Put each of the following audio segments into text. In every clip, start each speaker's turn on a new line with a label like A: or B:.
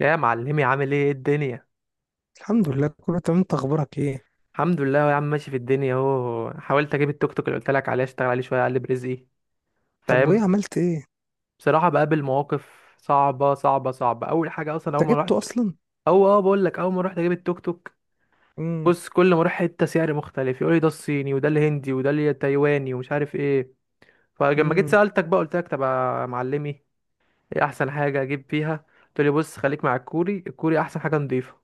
A: يا معلمي، عامل ايه؟ إيه الدنيا؟
B: الحمد لله، كله تمام. انت اخبارك ايه؟
A: الحمد لله يا عم، ماشي في الدنيا اهو. حاولت اجيب التوك توك اللي قلت لك عليه، اشتغل عليه شويه اقلب رزقي،
B: طب وايه
A: فاهم.
B: عملت ايه؟
A: بصراحه بقابل مواقف صعبه صعبه صعبه. اول حاجه اصلا
B: انت
A: اول ما
B: جبته
A: رحت.
B: اصلا؟
A: او اه بقول لك اول ما رحت اجيب التوك توك،
B: امم.
A: بص كل ما اروح حته سعر مختلف، يقول لي ده الصيني وده الهندي وده التايواني ومش عارف ايه. فلما جيت
B: امم.
A: سالتك بقى، قلت لك طب يا معلمي ايه احسن حاجه اجيب فيها؟ قلت لي بص، خليك مع الكوري، الكوري احسن حاجه، نضيفه.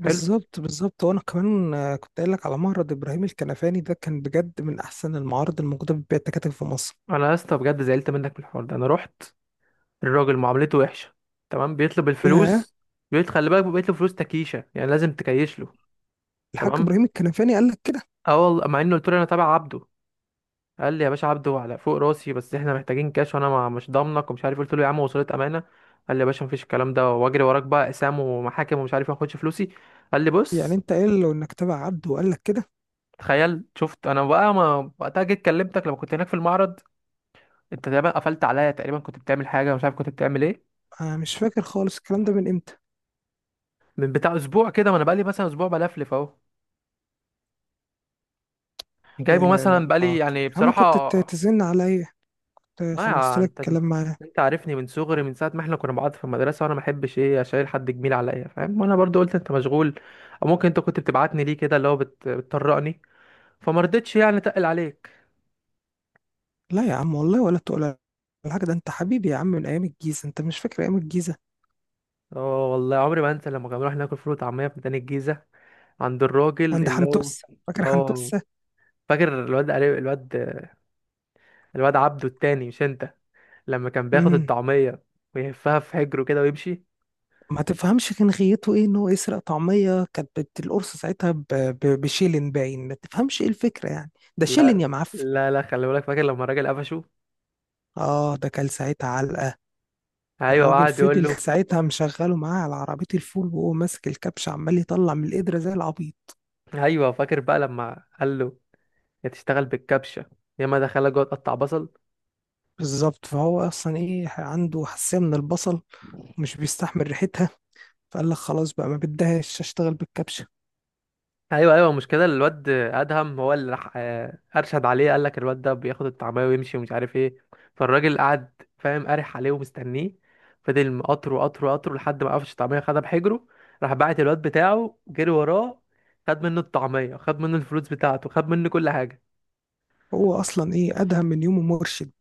A: حلو.
B: بالظبط، وانا كمان كنت قايل لك على معرض ابراهيم الكنفاني. ده كان بجد من احسن المعارض الموجوده بتبيع التكاتك في مصر.
A: انا يا اسطى بجد زعلت منك من الحوار ده. انا رحت، الراجل معاملته وحشه. تمام، بيطلب
B: ياه.
A: الفلوس، بيطلب خلي بالك، بيطلب فلوس تكيشه، يعني لازم تكيش له.
B: الحاج
A: تمام.
B: ابراهيم الكنفاني قال لك كده؟
A: اه والله، مع انه قلت له انا تابع عبده، قال لي يا باشا عبده على فوق راسي، بس احنا محتاجين كاش، وانا مش ضامنك ومش عارف. قلت له يا عم وصلت امانه. قال لي يا باشا مفيش الكلام ده، واجري وراك بقى اقسام ومحاكم ومش عارف. ما اخدش فلوسي. قال لي
B: يعني
A: بص.
B: انت قايل له انك تبع عبده وقال لك كده؟
A: تخيل، شفت انا بقى. ما وقتها جيت كلمتك لما كنت هناك في المعرض، انت تقريبا قفلت عليا، تقريبا كنت بتعمل حاجه، مش عارف كنت بتعمل ايه.
B: انا مش فاكر خالص الكلام ده من امتى.
A: من بتاع اسبوع كده، ما انا بقالي مثلا اسبوع بلفلف اهو،
B: لا،
A: جايبه
B: لا، لا،
A: مثلا
B: اه،
A: بقالي،
B: طب
A: يعني
B: يا عم، كنت
A: بصراحة.
B: تزن عليا. كنت خلصت
A: ما
B: لك
A: انت،
B: الكلام معاه.
A: انت عارفني من صغري، من ساعة ما احنا كنا مع بعض في المدرسة، وانا ما احبش ايه، اشيل حد جميل عليا فاهم، وانا برضو قلت انت مشغول، او ممكن انت كنت بتبعتني ليه كده اللي هو بتطرقني، فما رضيتش يعني اتقل عليك.
B: لا يا عم والله، ولا تقول. الحاجة ده، انت حبيبي يا عم، من ايام الجيزة. انت مش فاكر ايام الجيزة؟
A: اه والله عمري ما انسى لما كنا بنروح ناكل فول وطعمية في ميدان الجيزة، عند الراجل
B: عند
A: اللي هو.
B: حنتوسة، فاكر
A: اه،
B: حنتوسة؟
A: فاكر الواد الواد، الواد عبده التاني مش انت، لما كان بياخد
B: امم.
A: الطعمية ويهفها في حجره كده ويمشي.
B: ما تفهمش كان غيته ايه ان هو يسرق طعمية، كانت القرص ساعتها بشيلن، باين ما تفهمش ايه الفكرة يعني. ده شيلن
A: لا
B: يا معفن.
A: لا لا، خلي بالك، فاكر لما الراجل قفشه؟
B: اه، ده كان ساعتها علقة.
A: ايوه،
B: الراجل
A: وقعد يقول
B: فضل
A: له.
B: ساعتها مشغله معاه على عربية الفول، وهو ماسك الكبش عمال يطلع من القدرة زي العبيط.
A: ايوه، فاكر بقى لما قال له يا تشتغل بالكبشه، يا ما دخلها جوه تقطع بصل.
B: بالظبط، فهو اصلا ايه عنده حساسية من البصل، ومش بيستحمل ريحتها، فقال لك خلاص بقى ما بدهاش اشتغل بالكبشة.
A: ايوه ايوه، مش كده، الواد ادهم هو اللي راح ارشد عليه، قال لك الواد ده بياخد الطعميه ويمشي ومش عارف ايه. فالراجل قعد فاهم قارح عليه ومستنيه، فضل مقطره قطره قطره لحد ما قفش الطعميه خدها بحجره، راح بعت الواد بتاعه جري وراه، خد منه الطعميه، خد منه الفلوس بتاعته، خد منه كل حاجه.
B: هو اصلا ايه ادهم من يومه مرشد.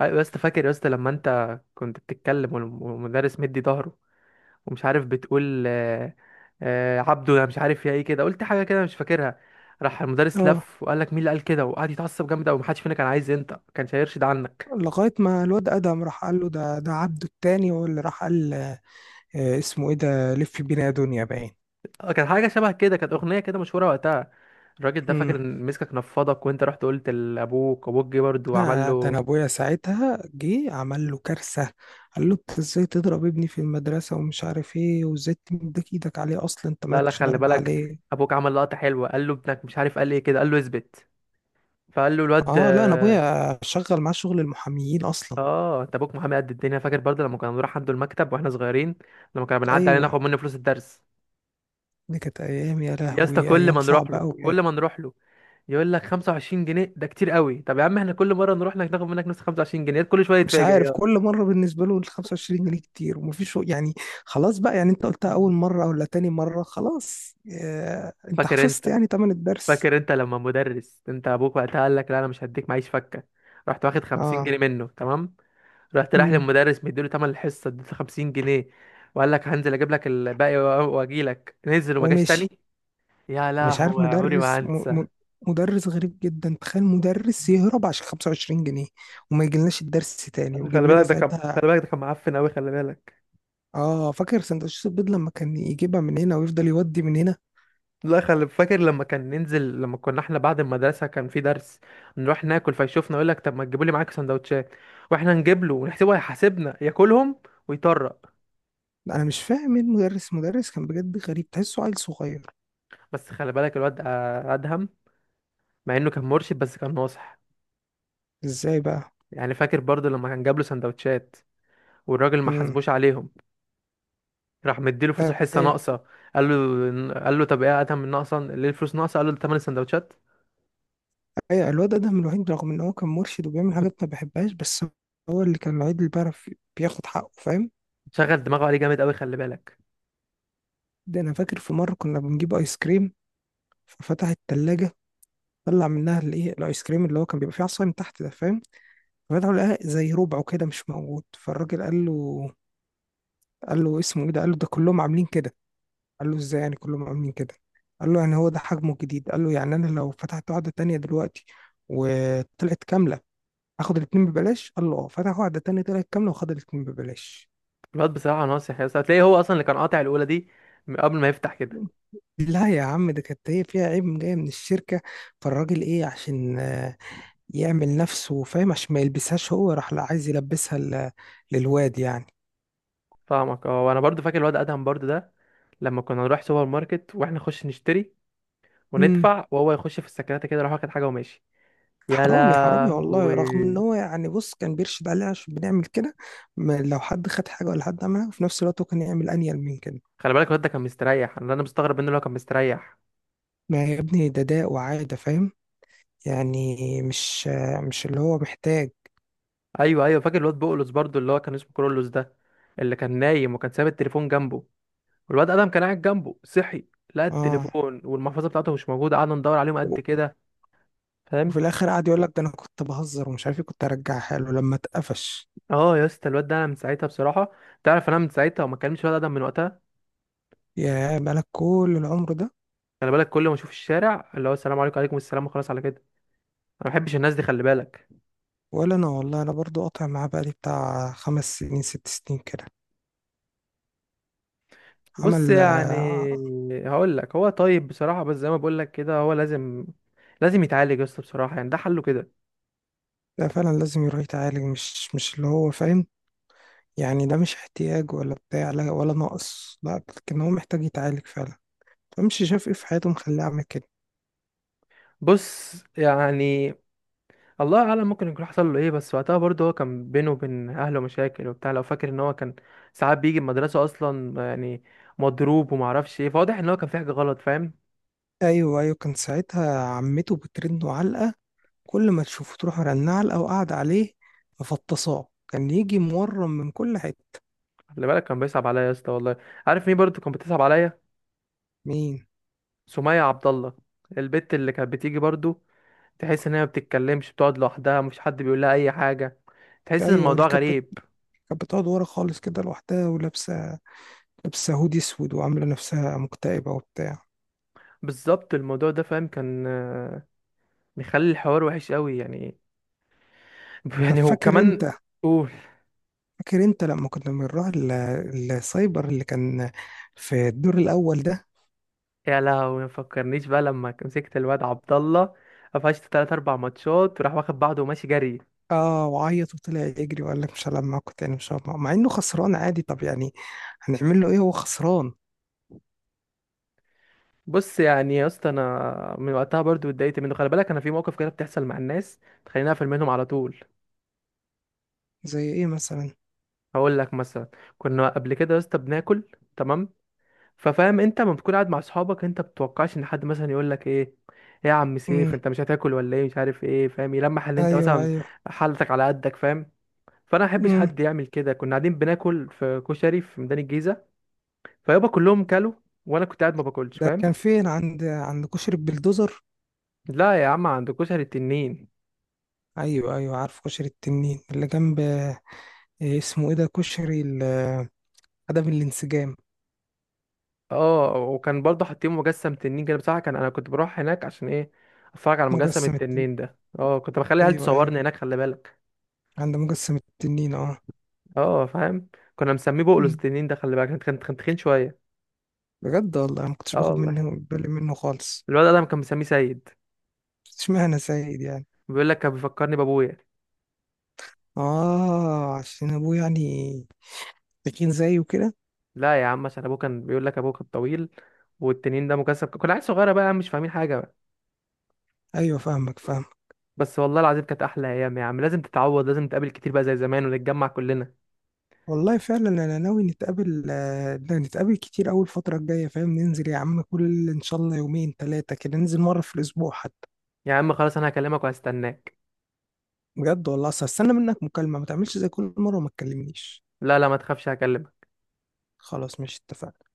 A: ايوه يا اسطى، فاكر يا اسطى لما انت كنت بتتكلم والمدرس مدي ظهره، ومش عارف بتقول عبده، انا مش عارف يا ايه كده، قلت حاجه كده مش فاكرها، راح المدرس
B: اه.
A: لف وقال لك مين اللي قال كده؟ وقعد يتعصب جامد قوي، محدش فينا كان عايز، انت ما كانش هيرشد عنك.
B: لغاية ما الواد أدهم راح قال له ده عبده التاني، هو اللي راح قال. اسمه إيه ده؟ لف بينا يا دنيا باين.
A: آه، كان حاجه شبه كده، كانت اغنيه كده مشهوره وقتها. الراجل ده فاكر
B: مم.
A: ان مسكك نفضك، وانت رحت قلت لابوك، ابوك جه برضه وعمل
B: لا، ده أنا
A: له.
B: أبويا ساعتها جه عمل له كارثة. قال له: أنت إزاي تضرب ابني في المدرسة ومش عارف إيه، وإزاي تمدك إيدك عليه أصلا، أنت
A: لا لا،
B: مالكش
A: خلي
B: ضرب
A: بالك،
B: عليه.
A: ابوك عمل لقطه حلوه، قال له ابنك مش عارف قال ايه كده، قال له اثبت، فقال له الواد
B: آه، لا، أنا
A: آه.
B: أبويا شغل معاه شغل المحاميين أصلا.
A: انت ابوك محامي قد الدنيا، فاكر برضه لما كنا بنروح عنده المكتب واحنا صغيرين، لما كنا بنعدي عليه
B: أيوه.
A: ناخد منه فلوس الدرس.
B: دي كانت أيام، يا
A: يا اسطى،
B: لهوي،
A: كل
B: أيام
A: ما نروح
B: صعبة
A: له
B: أوي
A: كل
B: يعني.
A: ما نروح له يقول لك 25 جنيه ده كتير قوي. طب يا عم احنا كل مره نروح لك ناخد منك نفس 25 جنيه، كل شويه
B: مش
A: يتفاجئ.
B: عارف
A: يا
B: كل مره بالنسبه له ال 25 جنيه كتير، ومفيش يعني. خلاص بقى، يعني انت قلتها اول مره ولا تاني مره. خلاص انت
A: فاكر
B: حفظت
A: انت
B: يعني تمن الدرس.
A: فاكر انت لما مدرس، انت ابوك وقتها قال لك لا انا مش هديك، معيش فكه، رحت واخد 50
B: اه.
A: جنيه منه تمام، رحت رايح
B: امم.
A: للمدرس مديله تمن الحصه، اديته 50 جنيه، وقال لك هنزل اجيب لك الباقي واجي لك، نزل وما جاش
B: وماشي.
A: تاني. يا
B: مش عارف،
A: لهوي عمري
B: مدرس
A: ما
B: م
A: هنسى.
B: م مدرس غريب جدا. تخيل مدرس يهرب عشان 25 جنيه، وما يجيلناش الدرس تاني،
A: خلي
B: ويجيب لنا
A: بالك ده كان،
B: ساعتها.
A: خلي بالك ده كان معفن قوي، خلي بالك.
B: اه، فاكر سندوتشات البيض لما كان يجيبها من هنا ويفضل يودي من هنا.
A: لا خلي فاكر لما كان ننزل، لما كنا احنا بعد المدرسة كان في درس، نروح ناكل فيشوفنا، يقول لك طب ما تجيبوا لي معاك سندوتشات، واحنا نجيب له ونحسبه هيحاسبنا، ياكلهم ويطرق.
B: انا مش فاهم ايه مدرس كان بجد غريب، تحسه عيل صغير.
A: بس خلي بالك، الواد ادهم، مع انه كان مرشد بس كان ناصح،
B: ازاي بقى؟
A: يعني فاكر برضو لما كان جاب له سندوتشات والراجل ما
B: امم.
A: حاسبوش عليهم، راح مديله فلوس حصة
B: ايوه،
A: ناقصة، قال له، قال له طب ايه يا ادهم الناقصة ليه، الفلوس ناقصة؟ قال له ده تمن السندوتشات.
B: ايوه، الواد ادهم الوحيد رغم ان هو كان مرشد وبيعمل حاجات ما بحبهاش، بس هو اللي كان الوحيد اللي بيعرف بياخد حقه، فاهم.
A: شغل دماغه عليه جامد قوي، خلي بالك.
B: ده انا فاكر في مره كنا بنجيب ايس كريم، ففتح التلاجة. طلع منها الايس كريم اللي هو كان بيبقى فيه عصاية من تحت ده، فاهم. ففتحوا لقاها زي ربعه كده مش موجود. فالراجل قال له، قال له: اسمه ايه ده؟ قال له: ده كلهم عاملين كده. قال له: ازاي يعني كلهم عاملين كده؟ قال له: يعني هو ده حجمه الجديد. قال له: يعني انا لو فتحت واحده تانية دلوقتي وطلعت كامله، اخد الاتنين ببلاش؟ قال له: اه. فتح واحده تانية طلعت كامله وخد الاتنين ببلاش.
A: الواد بصراحة ناصح يا اسطى، هتلاقيه هو أصلا اللي كان قاطع الأولى دي من قبل ما يفتح كده.
B: لا يا عم، ده كانت هي فيها عيب جاي من الشركة. فالراجل ايه عشان يعمل نفسه فاهم، عشان ما يلبسهاش هو، راح لا عايز يلبسها للواد يعني.
A: فاهمك. اه، وأنا برضو فاكر الواد أدهم برضو ده، لما كنا نروح سوبر ماركت وإحنا نخش نشتري
B: امم.
A: وندفع، وهو يخش في السكرات كده، يروح واخد حاجة وماشي. يا
B: حرامي، حرامي والله، رغم ان
A: لهوي.
B: هو يعني، بص، كان بيرشد عليها عشان بنعمل كده. لو حد خد حاجة ولا حد عملها في نفس الوقت، هو كان يعمل انيل من كده.
A: خلي بالك الواد ده كان مستريح، أنا مستغرب منه، اللي هو كان مستريح.
B: ما يا ابني ده داء وعادة، فاهم يعني. مش اللي هو محتاج.
A: أيوه أيوه، فاكر الواد بقولوس برضو، اللي هو كان اسمه كرولوس ده، اللي كان نايم وكان ساب التليفون جنبه، والواد أدهم كان قاعد جنبه، صحي لقى
B: اه.
A: التليفون والمحفظة بتاعته مش موجودة، قعدنا ندور عليهم قد كده،
B: وفي
A: فاهم.
B: الاخر قعد يقول لك: ده انا كنت بهزر ومش عارف ايه، كنت ارجعها له لما اتقفش.
A: اه يا اسطى، الواد ده انا من ساعتها بصراحه، تعرف انا من ساعتها وما كلمتش ولا ادم من وقتها.
B: يا، بقالك كل العمر ده!
A: خلي بالك كل ما اشوف الشارع، اللي هو السلام عليكم وعليكم السلام وخلاص، على كده. انا ما بحبش الناس دي، خلي بالك.
B: ولا انا والله، انا برضو قاطع معاه بقالي بتاع 5 سنين 6 سنين كده.
A: بص
B: عمل
A: يعني،
B: آه،
A: هقول لك هو طيب بصراحه، بس زي ما بقول لك كده، هو لازم لازم يتعالج يا اسطى بصراحه، يعني ده حله كده.
B: ده فعلا لازم يروح يتعالج، مش اللي هو فاهم يعني. ده مش احتياج ولا بتاع، لا، ولا نقص، لا، لكن هو محتاج يتعالج فعلا. فمش شاف ايه في حياته مخليه عمل كده.
A: بص يعني، الله اعلم ممكن يكون حصل له ايه، بس وقتها برضه هو كان بينه وبين اهله مشاكل وبتاع، لو فاكر ان هو كان ساعات بيجي المدرسه اصلا يعني مضروب، ومعرفش ايه، فواضح ان هو كان في حاجه غلط، فاهم.
B: ايوه، ايوه، كان ساعتها عمته بترنه علقه. كل ما تشوفه تروح مرنه علقه وقاعده عليه. مفطصاه، كان يجي مورم من كل حته.
A: خلي بالك كان بيصعب عليا يا اسطى والله. عارف مين برضو كان بتصعب عليا؟
B: مين؟
A: سمية عبد الله، البت اللي كانت بتيجي برضو، تحس ان هي ما بتتكلمش، بتقعد لوحدها، مفيش حد بيقول لها اي حاجه، تحس ان
B: ايوه.
A: الموضوع غريب.
B: كانت بتقعد ورا خالص كده لوحدها، ولابسه هودي اسود، وعامله نفسها مكتئبه وبتاع.
A: بالظبط، الموضوع ده فاهم كان مخلي الحوار وحش قوي يعني.
B: طب
A: يعني هو
B: فاكر
A: كمان.
B: انت،
A: قول.
B: فاكر انت لما كنا بنروح السايبر اللي كان في الدور الاول ده؟
A: يا لهوي، ما فكرنيش بقى لما مسكت الواد عبد الله، قفشت تلات اربع ماتشات، وراح واخد بعضه وماشي جري.
B: اه، وعيط وطلع يجري وقال لك: مش هلعب معاكم تاني، مش هلعب معاكم. مع انه خسران عادي، طب يعني هنعمل له ايه؟ هو خسران.
A: بص يعني يا اسطى، انا من وقتها برضو اتضايقت منه، خلي بالك انا في موقف كده بتحصل مع الناس تخليني اقفل منهم على طول.
B: زي ايه مثلا؟
A: هقول لك مثلا. كنا قبل كده يا اسطى بناكل، تمام، ففاهم انت لما بتكون قاعد مع اصحابك انت بتتوقعش ان حد مثلا يقول لك ايه، ايه يا عم
B: امم.
A: سيف انت مش هتاكل ولا ايه، مش عارف ايه فاهم، يلمح ان انت
B: ايوه،
A: مثلا
B: ايوه.
A: حالتك على قدك، فاهم. فانا ما احبش
B: امم.
A: حد يعمل كده. كنا قاعدين بناكل في كشري في ميدان الجيزه. فيابا كلهم كلوا، وانا كنت قاعد ما باكلش،
B: ده
A: فاهم.
B: كان فين؟ عند كشري البلدوزر؟
A: لا يا عم، عند كشري التنين.
B: ايوه، ايوه، عارف كشري التنين اللي جنب اسمه ايه ده، كشري عدم الانسجام.
A: اه، وكان برضه حاطين مجسم تنين كده، بصراحه كان، انا كنت بروح هناك عشان ايه، اتفرج على مجسم
B: مجسم التنين.
A: التنين ده، اه كنت بخلي عيال
B: ايوه، ايوه،
A: تصورني هناك، خلي بالك.
B: عند مجسم التنين، اه.
A: اه فاهم. كنا مسميه بقلوز
B: أمم.
A: التنين ده، خلي بالك كان تخين شويه.
B: بجد والله، أنا ما كنتش
A: اه
B: باخد
A: والله.
B: منه بالي منه خالص.
A: الولد ده كان مسميه سيد،
B: اشمعنى سيد يعني؟
A: بيقول لك كان بيفكرني بابويا.
B: اه، عشان ابوه يعني، تخين زيه كده.
A: لا يا عم، عشان ابوه، كان بيقول لك ابوه كان طويل، والتنين ده مجسم، كنا عيال صغيره بقى مش فاهمين حاجه بقى.
B: ايوه، فاهمك فاهمك.
A: بس والله العظيم كانت احلى ايام يا عم، لازم تتعوض، لازم نتقابل كتير بقى زي زمان ونتجمع كلنا.
B: والله فعلا انا ناوي نتقابل كتير اول الفتره الجايه، فاهم. ننزل يا عم، كل ان شاء الله يومين 3 كده، ننزل مره في الاسبوع حتى.
A: يا عم خلاص، انا هكلمك وهستناك.
B: بجد والله، اصل هستنى منك مكالمه، ما تعملش زي كل مره وما تكلمنيش.
A: لا لا ما تخافش، هكلمك.
B: خلاص، مش اتفقنا؟